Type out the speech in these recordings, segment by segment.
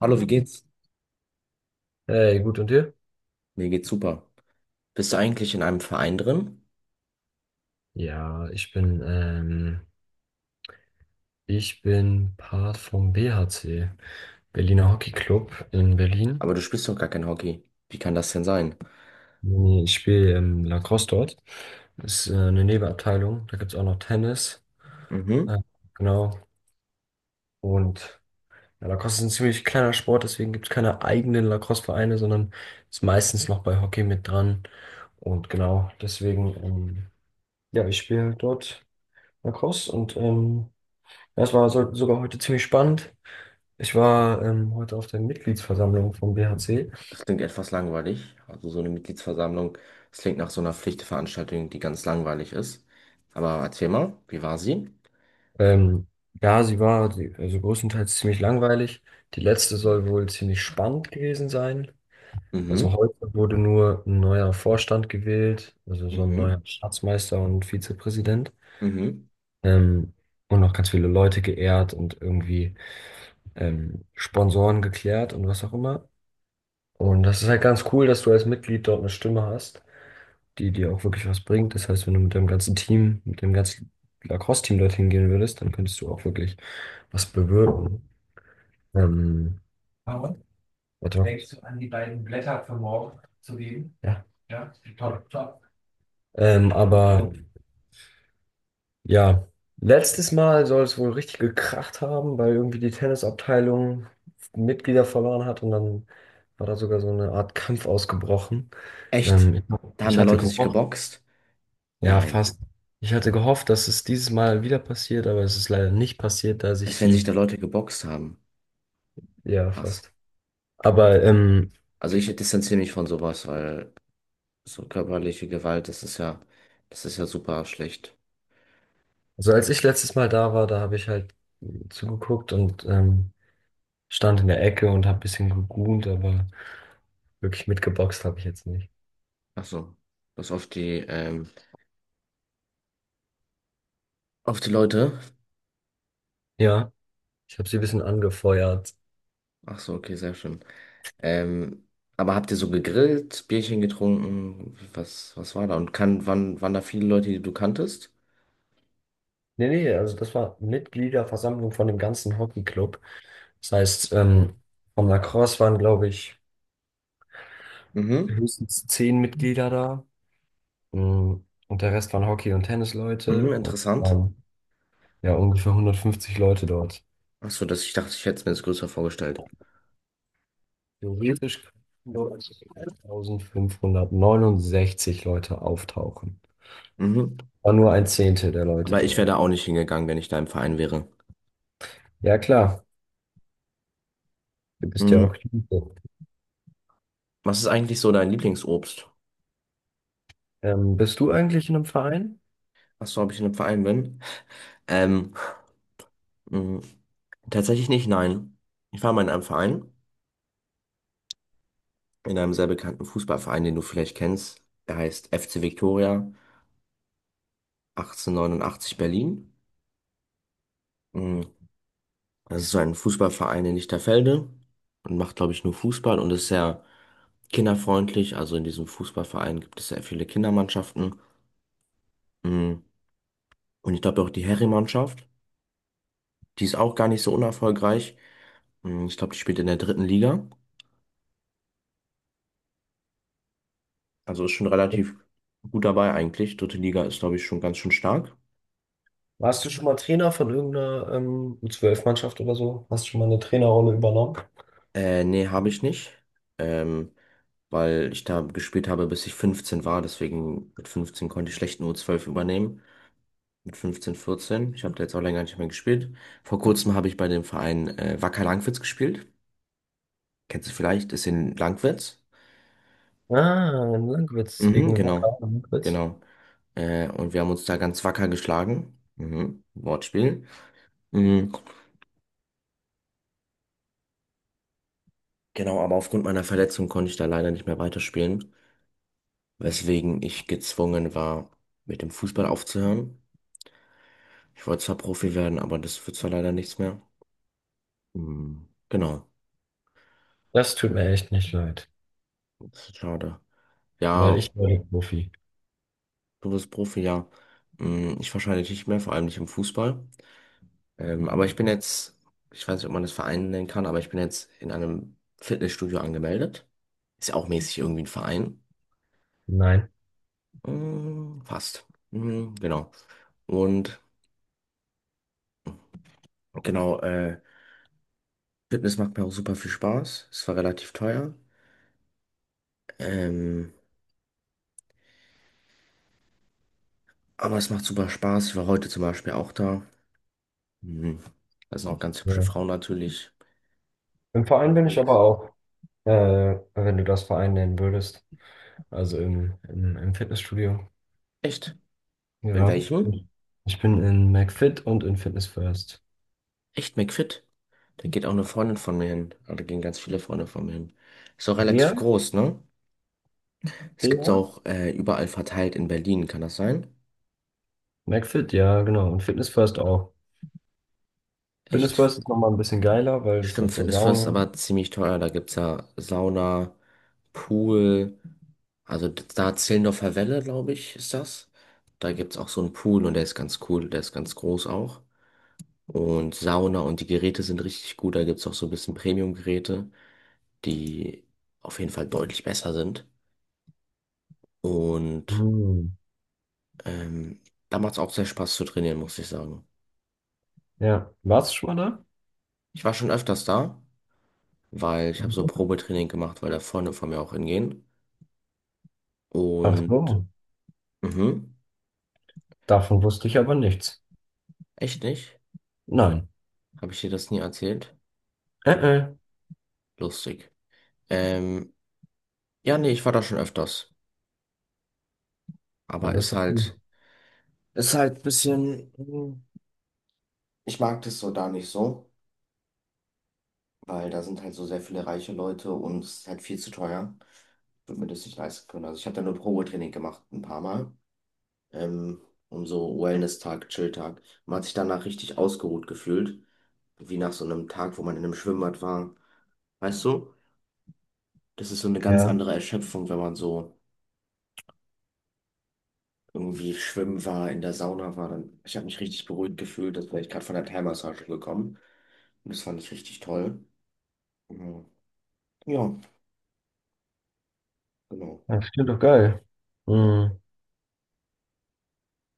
Hallo, wie geht's? Hey, gut und dir? Mir geht's super. Bist du eigentlich in einem Verein drin? Ja, ich bin Part vom BHC, Berliner Hockey Club in Berlin. Aber du spielst doch gar kein Hockey. Wie kann das denn sein? Ich spiele Lacrosse dort. Ist eine Nebenabteilung. Da gibt es auch noch Tennis. Äh, Mhm. genau. Und ja, Lacrosse ist ein ziemlich kleiner Sport, deswegen gibt es keine eigenen Lacrosse-Vereine, sondern ist meistens noch bei Hockey mit dran. Und genau, deswegen, ja, ich spiele dort Lacrosse und das war so, sogar heute ziemlich spannend. Ich war heute auf der Mitgliedsversammlung vom BHC. Das klingt etwas langweilig. Also so eine Mitgliedsversammlung, das klingt nach so einer Pflichtveranstaltung, die ganz langweilig ist. Aber erzähl mal, wie war sie? Ähm, ja, also größtenteils ziemlich langweilig. Die letzte soll wohl ziemlich spannend gewesen sein. Also Mhm, heute wurde nur ein neuer Vorstand gewählt, also so ein mhm, neuer Schatzmeister und Vizepräsident. mhm. Ähm, und noch ganz viele Leute geehrt und irgendwie Sponsoren geklärt und was auch immer. Und das ist halt ganz cool, dass du als Mitglied dort eine Stimme hast, die dir auch wirklich was bringt. Das heißt, wenn du mit deinem ganzen Team, mit dem ganzen Lacrosse-Team dorthin gehen würdest, dann könntest du auch wirklich was bewirken. Ähm, Paul, warte mal. Denkst du an die beiden Blätter für morgen zu geben? Ja. Ja, top, top. Aber ja, letztes Mal soll es wohl richtig gekracht haben, weil irgendwie die Tennisabteilung Mitglieder verloren hat und dann war da sogar so eine Art Kampf ausgebrochen. Echt? Ähm, ich, Da haben ich da hatte Leute sich gehofft, geboxt? ja, Nein. fast. Ich hatte gehofft, dass es dieses Mal wieder passiert, aber es ist leider nicht passiert, da sich Als wenn sich die, da Leute geboxt haben. ja, Krass. fast. Aber Also ich distanziere mich von sowas, weil so körperliche Gewalt, das ist ja super schlecht. so als ich letztes Mal da war, da habe ich halt zugeguckt und stand in der Ecke und habe ein bisschen gegoont, aber wirklich mitgeboxt habe ich jetzt nicht. Ach so, was auf die Leute. Ja, ich habe sie ein bisschen angefeuert. Ach so, okay, sehr schön. Ähm, aber habt ihr so gegrillt, Bierchen getrunken? Was war da? Und waren da viele Leute, die du kanntest? Nee, nee, also das war Mitgliederversammlung von dem ganzen Hockeyclub. Das heißt, vom Lacrosse waren, glaube ich, Mhm. höchstens zehn Mitglieder da. Mm, und der Rest waren Hockey- und Mhm, Tennisleute und es interessant. waren ja ungefähr 150 Leute dort. Ach so, dass ich dachte, ich hätte es mir das größer vorgestellt. Theoretisch könnten dort 1569 Leute auftauchen. Mhm. War nur ein Zehntel der Leute Aber ich wäre dort. da auch nicht hingegangen, wenn ich da im Verein wäre. Ja klar, du bist ja Mhm. auch Jude. Was ist eigentlich so dein Lieblingsobst? Bist du eigentlich in einem Verein? Ach so, ob ich in einem Verein bin? Ähm, mhm. Tatsächlich nicht, nein. Ich war mal in einem Verein, in einem sehr bekannten Fußballverein, den du vielleicht kennst. Der heißt FC Victoria 1889 Berlin. Mm, Das ist so ein Fußballverein in Lichterfelde und macht, glaube ich, nur Fußball und ist sehr kinderfreundlich. Also in diesem Fußballverein gibt es sehr viele Kindermannschaften. Mm, Und ich glaube auch die Herrenmannschaft, die ist auch gar nicht so unerfolgreich. Ich glaube, die spielt in der dritten Liga. Also ist schon relativ gut dabei eigentlich. Dritte Liga ist, glaube ich, schon ganz schön stark. Warst du schon mal Trainer von irgendeiner U12-Mannschaft oder so? Hast du schon mal eine Trainerrolle übernommen? Nee, habe ich nicht. Ähm, Weil ich da gespielt habe, bis ich 15 war. Deswegen mit 15 konnte ich schlecht eine U12 übernehmen. Mit 15, 14. Ich habe da jetzt auch länger nicht mehr gespielt. Vor kurzem habe ich bei dem Verein Wacker Langwitz gespielt. Kennst du vielleicht? Ist in Langwitz. Ah, in Lankwitz, Mhm, wegen Wacker genau. und Lankwitz. Genau. Und wir haben uns da ganz wacker geschlagen. Mhm, Wortspiel. Mhm, genau, aber aufgrund meiner Verletzung konnte ich da leider nicht mehr weiterspielen, weswegen ich gezwungen war, mit dem Fußball aufzuhören. Ich wollte zwar Profi werden, aber das wird zwar leider nichts mehr. Hm. Genau, Das tut mir echt nicht leid, das ist schade. weil Ja, ich war der Profi. du bist Profi, ja. Ich wahrscheinlich nicht mehr, vor allem nicht im Fußball. Aber ich bin jetzt, ich weiß nicht, ob man das Verein nennen kann, aber ich bin jetzt in einem Fitnessstudio angemeldet. Ist ja auch mäßig irgendwie ein Verein. Nein. Fast. Genau. Und genau, Fitness macht mir auch super viel Spaß. Es war relativ teuer. Ähm, aber es macht super Spaß. Ich war heute zum Beispiel auch da. Mhm. Da sind auch ganz hübsche Ja. Frauen natürlich Im Verein bin ich aber unterwegs. auch, wenn du das Verein nennen würdest. Also im Fitnessstudio. Echt? In Ja. welchem? Ich bin in McFit und in Fitness First. Echt McFit? Da geht auch eine Freundin von mir hin. Ah, da gehen ganz viele Freunde von mir hin. Ist auch relativ Ja, groß, ne? Es gibt's ja. auch überall verteilt in Berlin, kann das sein? McFit, ja, genau. Und Fitness First auch. Fitness Echt? First ist nochmal ein bisschen geiler, weil es Stimmt, hat so Fitness First ist Sauna. aber ziemlich teuer. Da gibt's ja Sauna, Pool. Also da Zehlendorfer Welle, glaube ich, ist das. Da gibt's auch so einen Pool und der ist ganz cool. Der ist ganz groß auch, und Sauna und die Geräte sind richtig gut. Da gibt es auch so ein bisschen Premium-Geräte, die auf jeden Fall deutlich besser sind. Und Hm. ähm, da macht es auch sehr Spaß zu trainieren, muss ich sagen. Ja. Warst du schon mal da? Ich war schon öfters da, weil ich habe so Probetraining gemacht, weil da Freunde von mir auch hingehen. Ach Und so. mhm, Davon wusste ich aber nichts. echt nicht? Nein. Habe ich dir das nie erzählt? Äh, äh. Lustig. Ähm, ja, nee, ich war da schon öfters. Ja, Aber das ist ist doch halt, gut. ist halt ein bisschen, ich mag das so da nicht so. Weil da sind halt so sehr viele reiche Leute und es ist halt viel zu teuer. Ich würde mir das nicht leisten können. Also ich habe da nur Probetraining gemacht, ein paar Mal. Ähm, Um so Wellness-Tag, Chill-Tag. Man hat sich danach richtig ausgeruht gefühlt. Wie nach so einem Tag, wo man in einem Schwimmbad war. Weißt du? Das ist so eine ganz Ja. andere Erschöpfung, wenn man so irgendwie schwimmen war, in der Sauna war. Dann, ich habe mich richtig beruhigt gefühlt, als wäre ich gerade von der Thai-Massage gekommen. Und das fand ich richtig toll. Mhm. Ja, genau. Das klingt doch geil. Ja, Hm.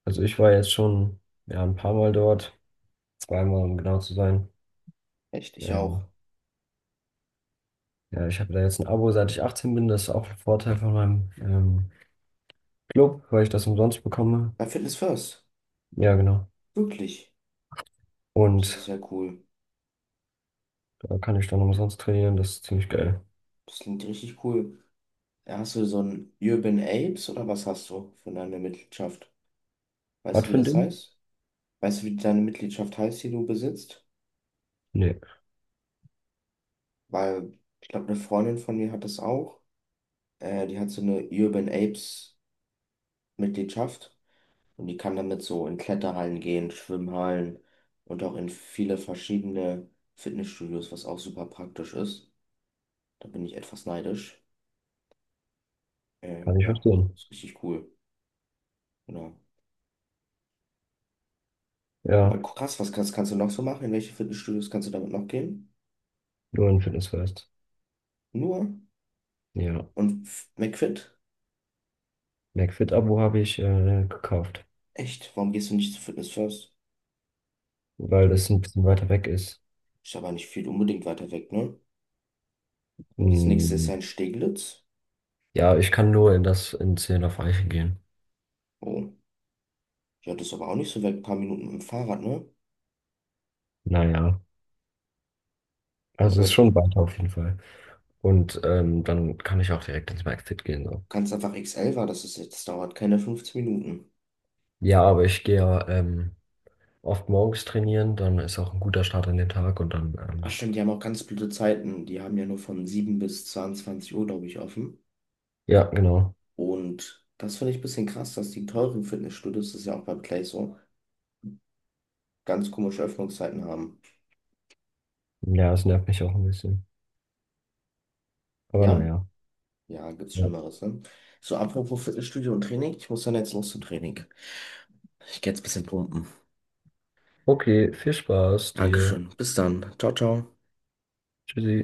Also ich war jetzt schon ja, ein paar Mal dort. Zweimal, um genau zu sein. echt, ich auch. Ähm, ja, ich habe da jetzt ein Abo, seit ich 18 bin. Das ist auch ein Vorteil von meinem Club, weil ich das umsonst bekomme. Bei Fitness First. Ja, genau. Wirklich. Das ist Und ja cool. da kann ich dann umsonst trainieren. Das ist ziemlich geil. Das klingt richtig cool. Ja, hast du so ein Urban Apes oder was hast du für deine Mitgliedschaft? Weißt Was du, wie für ein das Ding? heißt? Weißt du, wie deine Mitgliedschaft heißt, die du besitzt? Nee, Weil ich glaube, eine Freundin von mir hat das auch. Die hat so eine Urban Apes Mitgliedschaft und die kann damit so in Kletterhallen gehen, Schwimmhallen und auch in viele verschiedene Fitnessstudios, was auch super praktisch ist. Da bin ich etwas neidisch. kann ich Ja, verstehen. ist richtig cool. Genau. Aber Ja, krass, was kannst du noch so machen? In welche Fitnessstudios kannst du damit noch gehen? nur ein Fitnessfest. Nur? Ja. Und McFit? McFit-Abo habe ich gekauft, Echt? Warum gehst du nicht zu Fitness First? weil Den das ein bisschen weiter weg ist. ist aber nicht viel unbedingt weiter weg, ne? So, das nächste ist Hm. ja in Steglitz. Ja, ich kann nur in das in 10 auf gehen. Oh, ja, das ist aber auch nicht so weit. Ein paar Minuten mit dem Fahrrad, ne? Naja, Und also ist damit schon weiter auf jeden Fall. Und dann kann ich auch direkt ins Maxfit gehen. So. kannst du einfach XL war, das ist jetzt, das dauert keine 15 Minuten. Ja, aber ich gehe ja oft morgens trainieren, dann ist auch ein guter Start in den Tag und dann, Ach stimmt, die haben auch ganz blöde Zeiten. Die haben ja nur von 7 bis 22 Uhr, glaube ich, offen. ja, genau. Und das finde ich ein bisschen krass, dass die teuren Fitnessstudios, das ist ja auch beim Play so, ganz komische Öffnungszeiten haben. Ja, es nervt mich auch ein bisschen. Aber Ja? naja. Ja, gibt's Ja. Schlimmeres, ne? So, apropos Fitnessstudio und Training, ich muss dann jetzt los zum Training. Ich gehe jetzt ein bisschen pumpen. Okay, viel Spaß dir. Dankeschön. Bis dann. Ciao, ciao. Tschüssi.